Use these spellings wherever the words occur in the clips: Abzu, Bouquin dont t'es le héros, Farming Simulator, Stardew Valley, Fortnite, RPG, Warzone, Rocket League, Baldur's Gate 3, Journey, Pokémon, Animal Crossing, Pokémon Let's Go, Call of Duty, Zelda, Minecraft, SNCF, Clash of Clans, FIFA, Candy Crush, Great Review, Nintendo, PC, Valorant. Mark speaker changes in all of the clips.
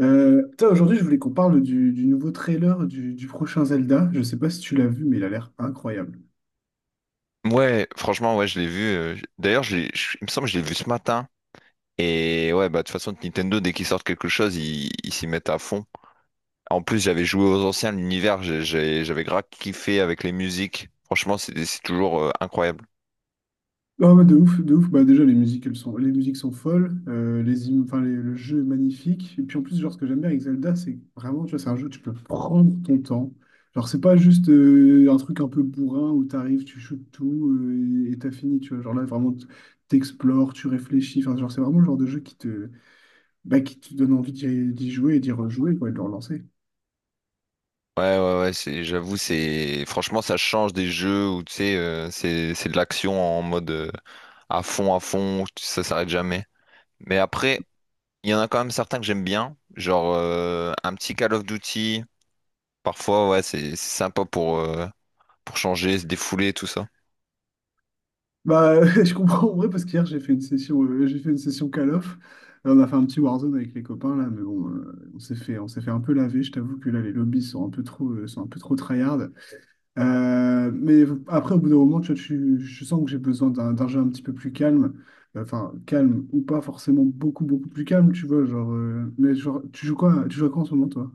Speaker 1: Aujourd'hui, je voulais qu'on parle du nouveau trailer du prochain Zelda. Je sais pas si tu l'as vu, mais il a l'air incroyable.
Speaker 2: Ouais, franchement, ouais, je l'ai vu. D'ailleurs, il me semble que je l'ai vu ce matin. Et ouais, bah de toute façon, Nintendo, dès qu'ils sortent quelque chose, ils s'y mettent à fond. En plus, j'avais joué aux anciens, l'univers, j'avais grave kiffé avec les musiques. Franchement, c'est toujours incroyable.
Speaker 1: Non, mais de ouf, de ouf. Bah, déjà, les musiques, les musiques sont folles. Les, im- enfin, les- Le jeu est magnifique. Et puis, en plus, genre, ce que j'aime bien avec Zelda, c'est que vraiment, tu vois, c'est un jeu où tu peux prendre ton temps. Genre, c'est pas juste un truc un peu bourrin où t'arrives, tu shootes tout et t'as fini, tu vois. Genre là, vraiment, t'explores, tu réfléchis. Enfin, genre, c'est vraiment le genre de jeu bah, qui te donne envie d'y jouer et d'y rejouer, quoi, et de le relancer.
Speaker 2: Ouais, ouais, ouais, c'est, j'avoue, c'est, franchement, ça change des jeux où, tu sais, c'est de l'action en mode à fond, ça s'arrête jamais. Mais après, il y en a quand même certains que j'aime bien, genre un petit Call of Duty. Parfois, ouais, c'est sympa pour changer, se défouler, tout ça.
Speaker 1: Bah, je comprends en vrai parce qu'hier j'ai fait une session Call of. Là, on a fait un petit Warzone avec les copains là, mais bon, on s'est fait un peu laver. Je t'avoue que là, les lobbies sont un peu trop, sont un peu trop tryhard. Mais après, au bout d'un moment, tu vois, je sens que j'ai besoin d'un jeu un petit peu plus calme. Enfin, calme ou pas forcément beaucoup, beaucoup plus calme, tu vois. Tu joues à quoi en ce moment, toi?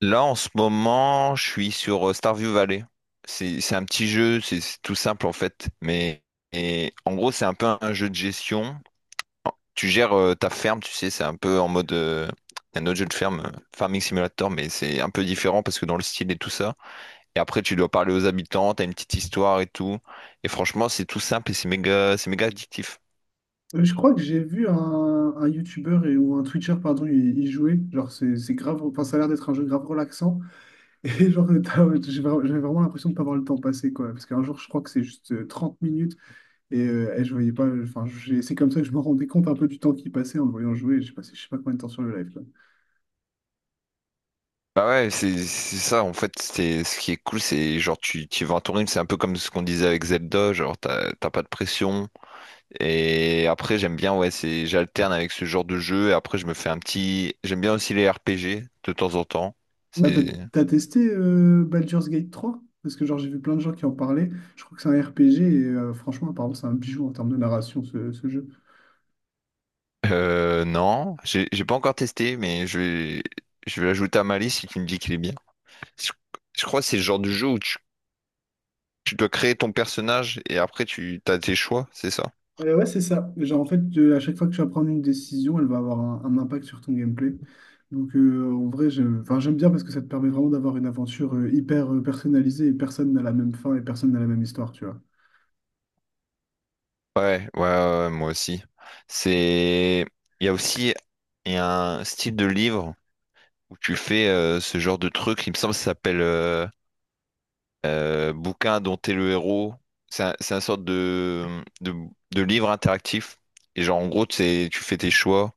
Speaker 2: Là, en ce moment, je suis sur Starview Valley. C'est un petit jeu, c'est tout simple en fait. Mais et, en gros, c'est un peu un jeu de gestion. Tu gères ta ferme, tu sais, c'est un peu en mode un autre jeu de ferme, Farming Simulator, mais c'est un peu différent parce que dans le style et tout ça. Et après, tu dois parler aux habitants, t'as une petite histoire et tout. Et franchement, c'est tout simple et c'est méga addictif.
Speaker 1: Je crois que j'ai vu un YouTuber ou un Twitcher, pardon, y jouer. Genre, ça a l'air d'être un jeu grave relaxant. Et genre, j'avais vraiment l'impression de pas voir le temps passer, quoi. Parce qu'un jour, je crois que c'est juste 30 minutes et je voyais pas. C'est comme ça que je me rendais compte un peu du temps qui passait en le voyant jouer. J'ai passé je sais pas combien de temps sur le live, quoi.
Speaker 2: Bah ouais, c'est ça, en fait, c'est ce qui est cool, c'est genre tu, tu vas en tourner, c'est un peu comme ce qu'on disait avec Zelda, genre t'as pas de pression. Et après j'aime bien, ouais, c'est j'alterne avec ce genre de jeu, et après je me fais un petit. J'aime bien aussi les RPG de temps en temps.
Speaker 1: Là, t'as,
Speaker 2: C'est.
Speaker 1: T'as testé Baldur's Gate 3? Parce que, genre, j'ai vu plein de gens qui en parlaient. Je crois que c'est un RPG et franchement, apparemment, c'est un bijou en termes de narration, ce jeu.
Speaker 2: Non, j'ai pas encore testé, mais je vais l'ajouter à ma liste si tu me dis qu'il est bien. Je, je crois que c'est le genre de jeu où tu dois créer ton personnage et après tu as tes choix, c'est ça?
Speaker 1: Ouais, c'est ça. Genre, en fait, à chaque fois que tu vas prendre une décision, elle va avoir un impact sur ton gameplay. Donc, en vrai, j'aime bien parce que ça te permet vraiment d'avoir une aventure hyper personnalisée et personne n'a la même fin et personne n'a la même histoire, tu vois.
Speaker 2: Ouais, ouais, ouais, ouais, moi aussi. C'est, il y a aussi il y a un style de livre où tu fais ce genre de truc. Il me semble que ça s'appelle Bouquin dont t'es le héros. C'est un sorte de, de livre interactif. Et genre en gros, c'est tu fais tes choix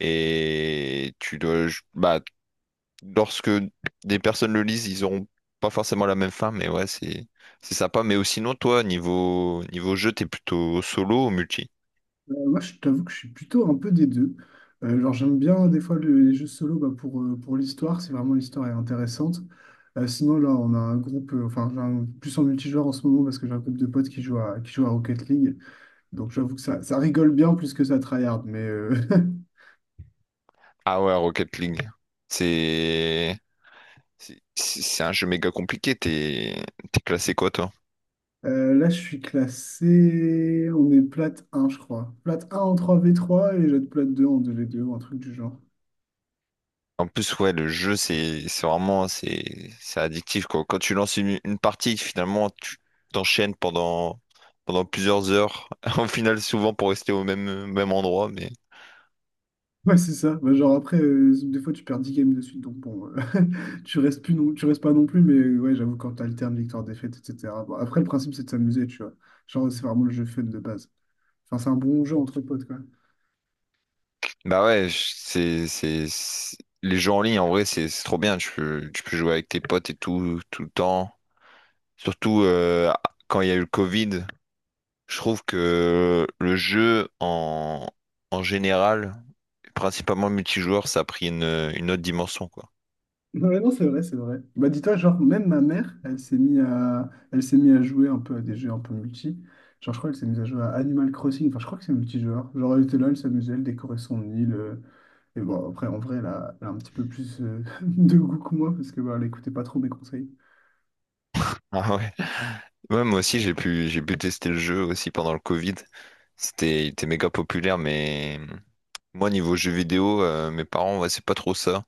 Speaker 2: et tu dois, bah lorsque des personnes le lisent, ils auront pas forcément la même fin, mais ouais, c'est sympa. Mais aussi sinon, toi, niveau jeu, t'es plutôt solo ou multi?
Speaker 1: Moi, je t'avoue que je suis plutôt un peu des deux. Genre, j'aime bien des fois les jeux solo bah, pour l'histoire, si vraiment l'histoire est intéressante. Sinon, là, on a un groupe, enfin, j'ai un- plus en multijoueur en ce moment parce que j'ai un groupe de potes qui jouent à Rocket League. Donc j'avoue que ça rigole bien plus que ça tryhard, mais
Speaker 2: Ah ouais, Rocket League. C'est c'est un jeu méga compliqué. T'es classé quoi, toi?
Speaker 1: là je suis classé, on est plate un je crois. Plate un en 3 v trois et j'être plate 2 en 2v2 ou un truc du genre.
Speaker 2: En plus, ouais, le jeu, c'est vraiment c'est addictif quoi. Quand tu lances une partie, finalement, tu t'enchaînes pendant plusieurs heures. Au final, souvent pour rester au même endroit, mais
Speaker 1: Ouais c'est ça. Bah, genre après des fois tu perds 10 games de suite donc bon, tu restes plus non, tu restes pas non plus mais ouais j'avoue quand t'alternes victoire-défaite etc. Bon, après le principe c'est de s'amuser tu vois, genre c'est vraiment le jeu fun de base. Enfin c'est un bon jeu entre potes quoi.
Speaker 2: bah ouais, les jeux en ligne, en vrai, c'est trop bien. Tu peux jouer avec tes potes et tout, tout le temps. Surtout quand il y a eu le Covid, je trouve que le jeu en, en général, principalement le multijoueur, ça a pris une autre dimension, quoi.
Speaker 1: Non, mais non, c'est vrai, c'est vrai. Bah, dis-toi, genre, même ma mère, elle s'est mise à... elle s'est mise à jouer un peu à des jeux un peu multi. Genre, je crois qu'elle s'est mise à jouer à Animal Crossing. Enfin, je crois que c'est multijoueur. Genre, elle était là, elle s'amusait, elle décorait son île. Et bon, après, en vrai, elle a un petit peu plus de goût que moi parce que bah, elle écoutait pas trop mes conseils.
Speaker 2: Ah ouais. Ouais, moi aussi, j'ai pu tester le jeu aussi pendant le Covid. C'était, il était méga populaire, mais. Moi, niveau jeux vidéo, mes parents, ouais, c'est pas trop ça.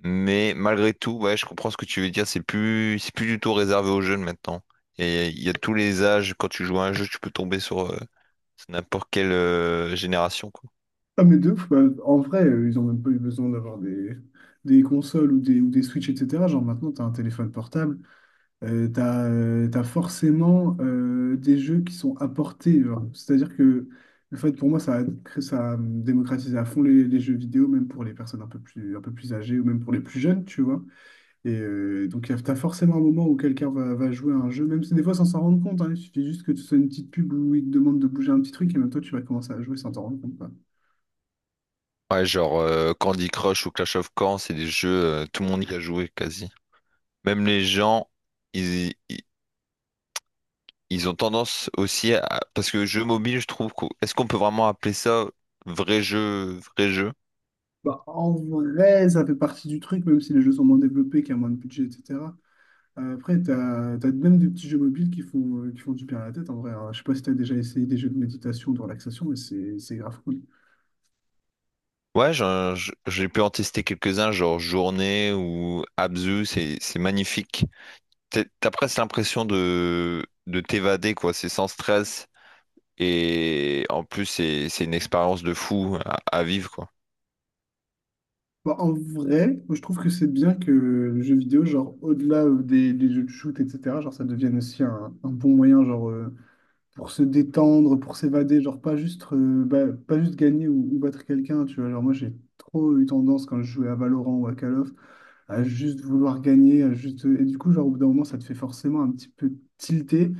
Speaker 2: Mais malgré tout, ouais, je comprends ce que tu veux dire. C'est plus du tout réservé aux jeunes maintenant. Et il y a tous les âges. Quand tu joues à un jeu, tu peux tomber sur, sur n'importe quelle génération, quoi.
Speaker 1: Ah, mais deux, En vrai, ils ont même pas eu besoin d'avoir des consoles ou ou des Switch, etc. Genre, maintenant, t'as un téléphone portable. T'as forcément des jeux qui sont apportés, genre. C'est-à-dire que le fait, pour moi, ça a démocratisé à fond les jeux vidéo, même pour les personnes un peu plus âgées ou même pour les plus jeunes, tu vois. Et donc, t'as forcément un moment où va jouer à un jeu, même si des fois, sans s'en rendre compte, hein. Il suffit juste que tu sois une petite pub où il te demande de bouger un petit truc et même toi, tu vas commencer à jouer sans t'en rendre compte, quoi.
Speaker 2: Ouais, genre Candy Crush ou Clash of Clans, c'est des jeux, tout le monde y a joué quasi. Même les gens, ils, ils, ils ont tendance aussi à... Parce que jeu mobile, je trouve... qu'au- est-ce qu'on peut vraiment appeler ça vrai jeu, vrai jeu?
Speaker 1: Bah, en vrai, ça fait partie du truc, même si les jeux sont moins développés, qu'il y a moins de budget, etc. Après, tu as, même des petits jeux mobiles qui font du bien à la tête, en vrai, hein. Je sais pas si tu as déjà essayé des jeux de méditation, de relaxation, mais c'est grave cool.
Speaker 2: Ouais, j'ai pu en tester quelques-uns, genre Journée ou Abzu, c'est magnifique. T'as presque l'impression de t'évader, quoi. C'est sans stress. Et en plus, c'est une expérience de fou à vivre, quoi.
Speaker 1: Bah, en vrai, moi, je trouve que c'est bien que le jeu vidéo, genre, au-delà des jeux de shoot, etc., genre, ça devienne aussi un bon moyen, pour se détendre, pour s'évader, genre, pas juste gagner ou battre quelqu'un, tu vois. Genre, moi, j'ai trop eu tendance, quand je jouais à Valorant ou à Call of, à juste vouloir gagner, à juste... Et du coup, genre, au bout d'un moment, ça te fait forcément un petit peu tilter.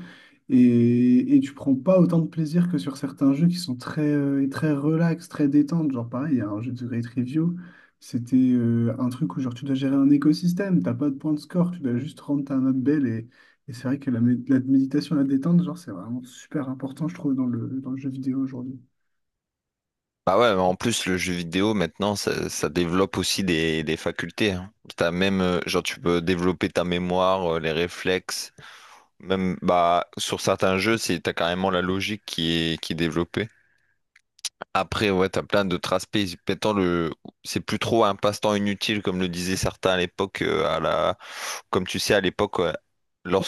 Speaker 1: Et tu prends pas autant de plaisir que sur certains jeux qui sont très, très relax, très détente. Genre pareil, il y a un jeu de Great Review, c'était un truc où genre tu dois gérer un écosystème, t'as pas de point de score, tu dois juste rendre ta note belle. Et c'est vrai que la méditation, la détente, genre c'est vraiment super important, je trouve, dans dans le jeu vidéo aujourd'hui.
Speaker 2: Bah ouais, mais en plus, le jeu vidéo, maintenant, ça développe aussi des facultés, hein. T'as même, genre, tu peux développer ta mémoire, les réflexes. Même, bah, sur certains jeux, c'est, t'as carrément la logique qui est développée. Après, ouais, t'as plein d'autres aspects. Maintenant, le... c'est plus trop un passe-temps inutile, comme le disaient certains à l'époque. À la... comme tu sais, à l'époque,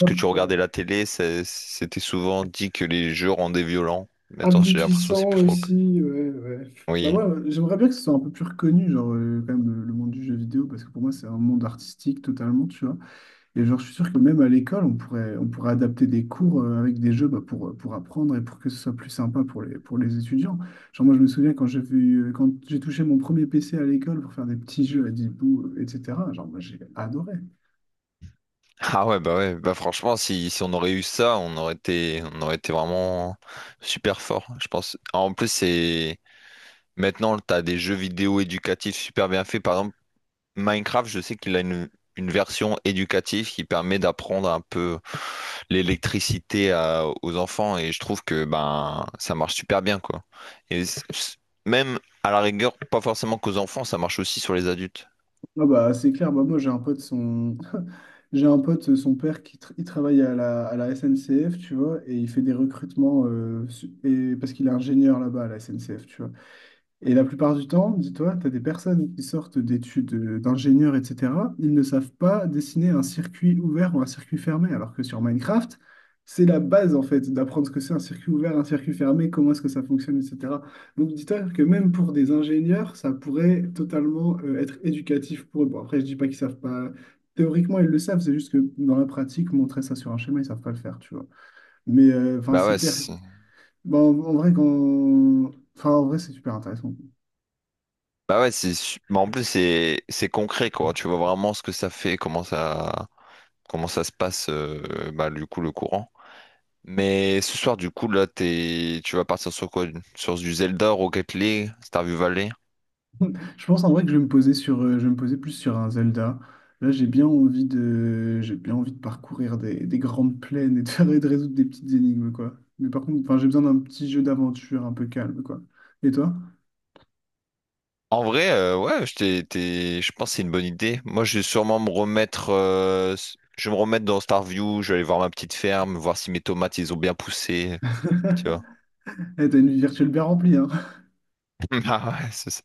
Speaker 1: Ouais,
Speaker 2: tu regardais
Speaker 1: ouais.
Speaker 2: la télé, c'était souvent dit que les jeux rendaient violents. Maintenant, j'ai l'impression que c'est
Speaker 1: Abrutissant
Speaker 2: plus trop le cas.
Speaker 1: aussi, ouais, ouais. Bah
Speaker 2: Oui.
Speaker 1: moi, j'aimerais bien que ce soit un peu plus reconnu, genre quand même le monde du jeu vidéo, parce que pour moi c'est un monde artistique totalement, tu vois. Et genre, je suis sûr que même à l'école, on pourrait adapter des cours avec des jeux bah, pour apprendre et pour que ce soit plus sympa pour pour les étudiants. Genre, moi, je me souviens quand j'ai vu, quand j'ai touché mon premier PC à l'école pour faire des petits jeux à 10 bouts, etc. Genre, moi, j'ai adoré.
Speaker 2: Ah ouais, bah franchement, si, si on aurait eu ça, on aurait été vraiment super fort, je pense. En plus, c'est maintenant, t'as des jeux vidéo éducatifs super bien faits. Par exemple, Minecraft, je sais qu'il a une version éducative qui permet d'apprendre un peu l'électricité aux enfants et je trouve que ben ça marche super bien quoi. Et même à la rigueur, pas forcément qu'aux enfants, ça marche aussi sur les adultes.
Speaker 1: Ah bah, c'est clair, bah, moi, j'ai un pote, son... j'ai un pote, son père, il travaille à à la SNCF, tu vois, et il fait des recrutements parce qu'il est ingénieur là-bas à la SNCF, tu vois. Et la plupart du temps, dis-toi, tu as des personnes qui sortent d'études d'ingénieurs, etc. Ils ne savent pas dessiner un circuit ouvert ou un circuit fermé, alors que sur Minecraft, c'est la base en fait d'apprendre ce que c'est un circuit ouvert, un circuit fermé, comment est-ce que ça fonctionne, etc. Donc dis-toi que même pour des ingénieurs, ça pourrait totalement être éducatif pour eux. Bon, après, je dis pas qu'ils savent pas. Théoriquement, ils le savent, c'est juste que dans la pratique, montrer ça sur un schéma, ils savent pas le faire, tu vois. Mais
Speaker 2: Bah
Speaker 1: c'est
Speaker 2: ouais,
Speaker 1: clair.
Speaker 2: c'est-
Speaker 1: Bon, en en vrai, quand... En vrai, c'est super intéressant.
Speaker 2: Bah ouais, mais en plus c'est concret quoi. Tu vois vraiment ce que ça fait, comment ça se passe bah, du coup le courant. Mais ce soir du coup là t'es tu vas partir sur quoi? Sur du Zelda, Rocket League, Stardew Valley?
Speaker 1: Je pense en vrai que je vais me poser sur, je vais me poser plus sur un Zelda. Là, j'ai bien envie de parcourir des grandes plaines et de, et de résoudre des petites énigmes, quoi. Mais par contre, enfin, j'ai besoin d'un petit jeu d'aventure un peu calme, quoi. Et toi?
Speaker 2: En vrai, ouais, je pense que c'est une bonne idée. Moi, je vais sûrement me remettre, je vais me remettre dans Starview, je vais aller voir ma petite ferme, voir si mes tomates, ils ont bien poussé, tu vois.
Speaker 1: Eh, t'as une vie virtuelle bien remplie, hein.
Speaker 2: Ah ouais, c'est ça.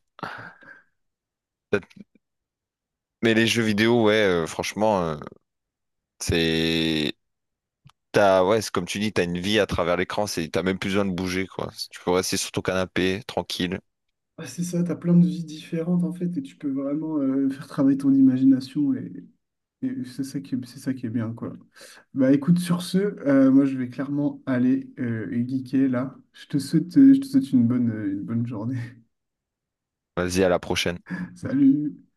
Speaker 2: Mais les jeux vidéo, ouais, franchement, c'est, t'as, ouais, c'est comme tu dis, t'as une vie à travers l'écran, c'est, t'as même plus besoin de bouger, quoi. Tu peux rester sur ton canapé, tranquille.
Speaker 1: Ah, c'est ça, t'as plein de vies différentes en fait, et tu peux vraiment faire travailler ton imagination et c'est ça qui est bien, quoi. Bah écoute, sur ce, moi je vais clairement aller geeker là. Je te souhaite une bonne journée.
Speaker 2: Vas-y, à la prochaine.
Speaker 1: Salut.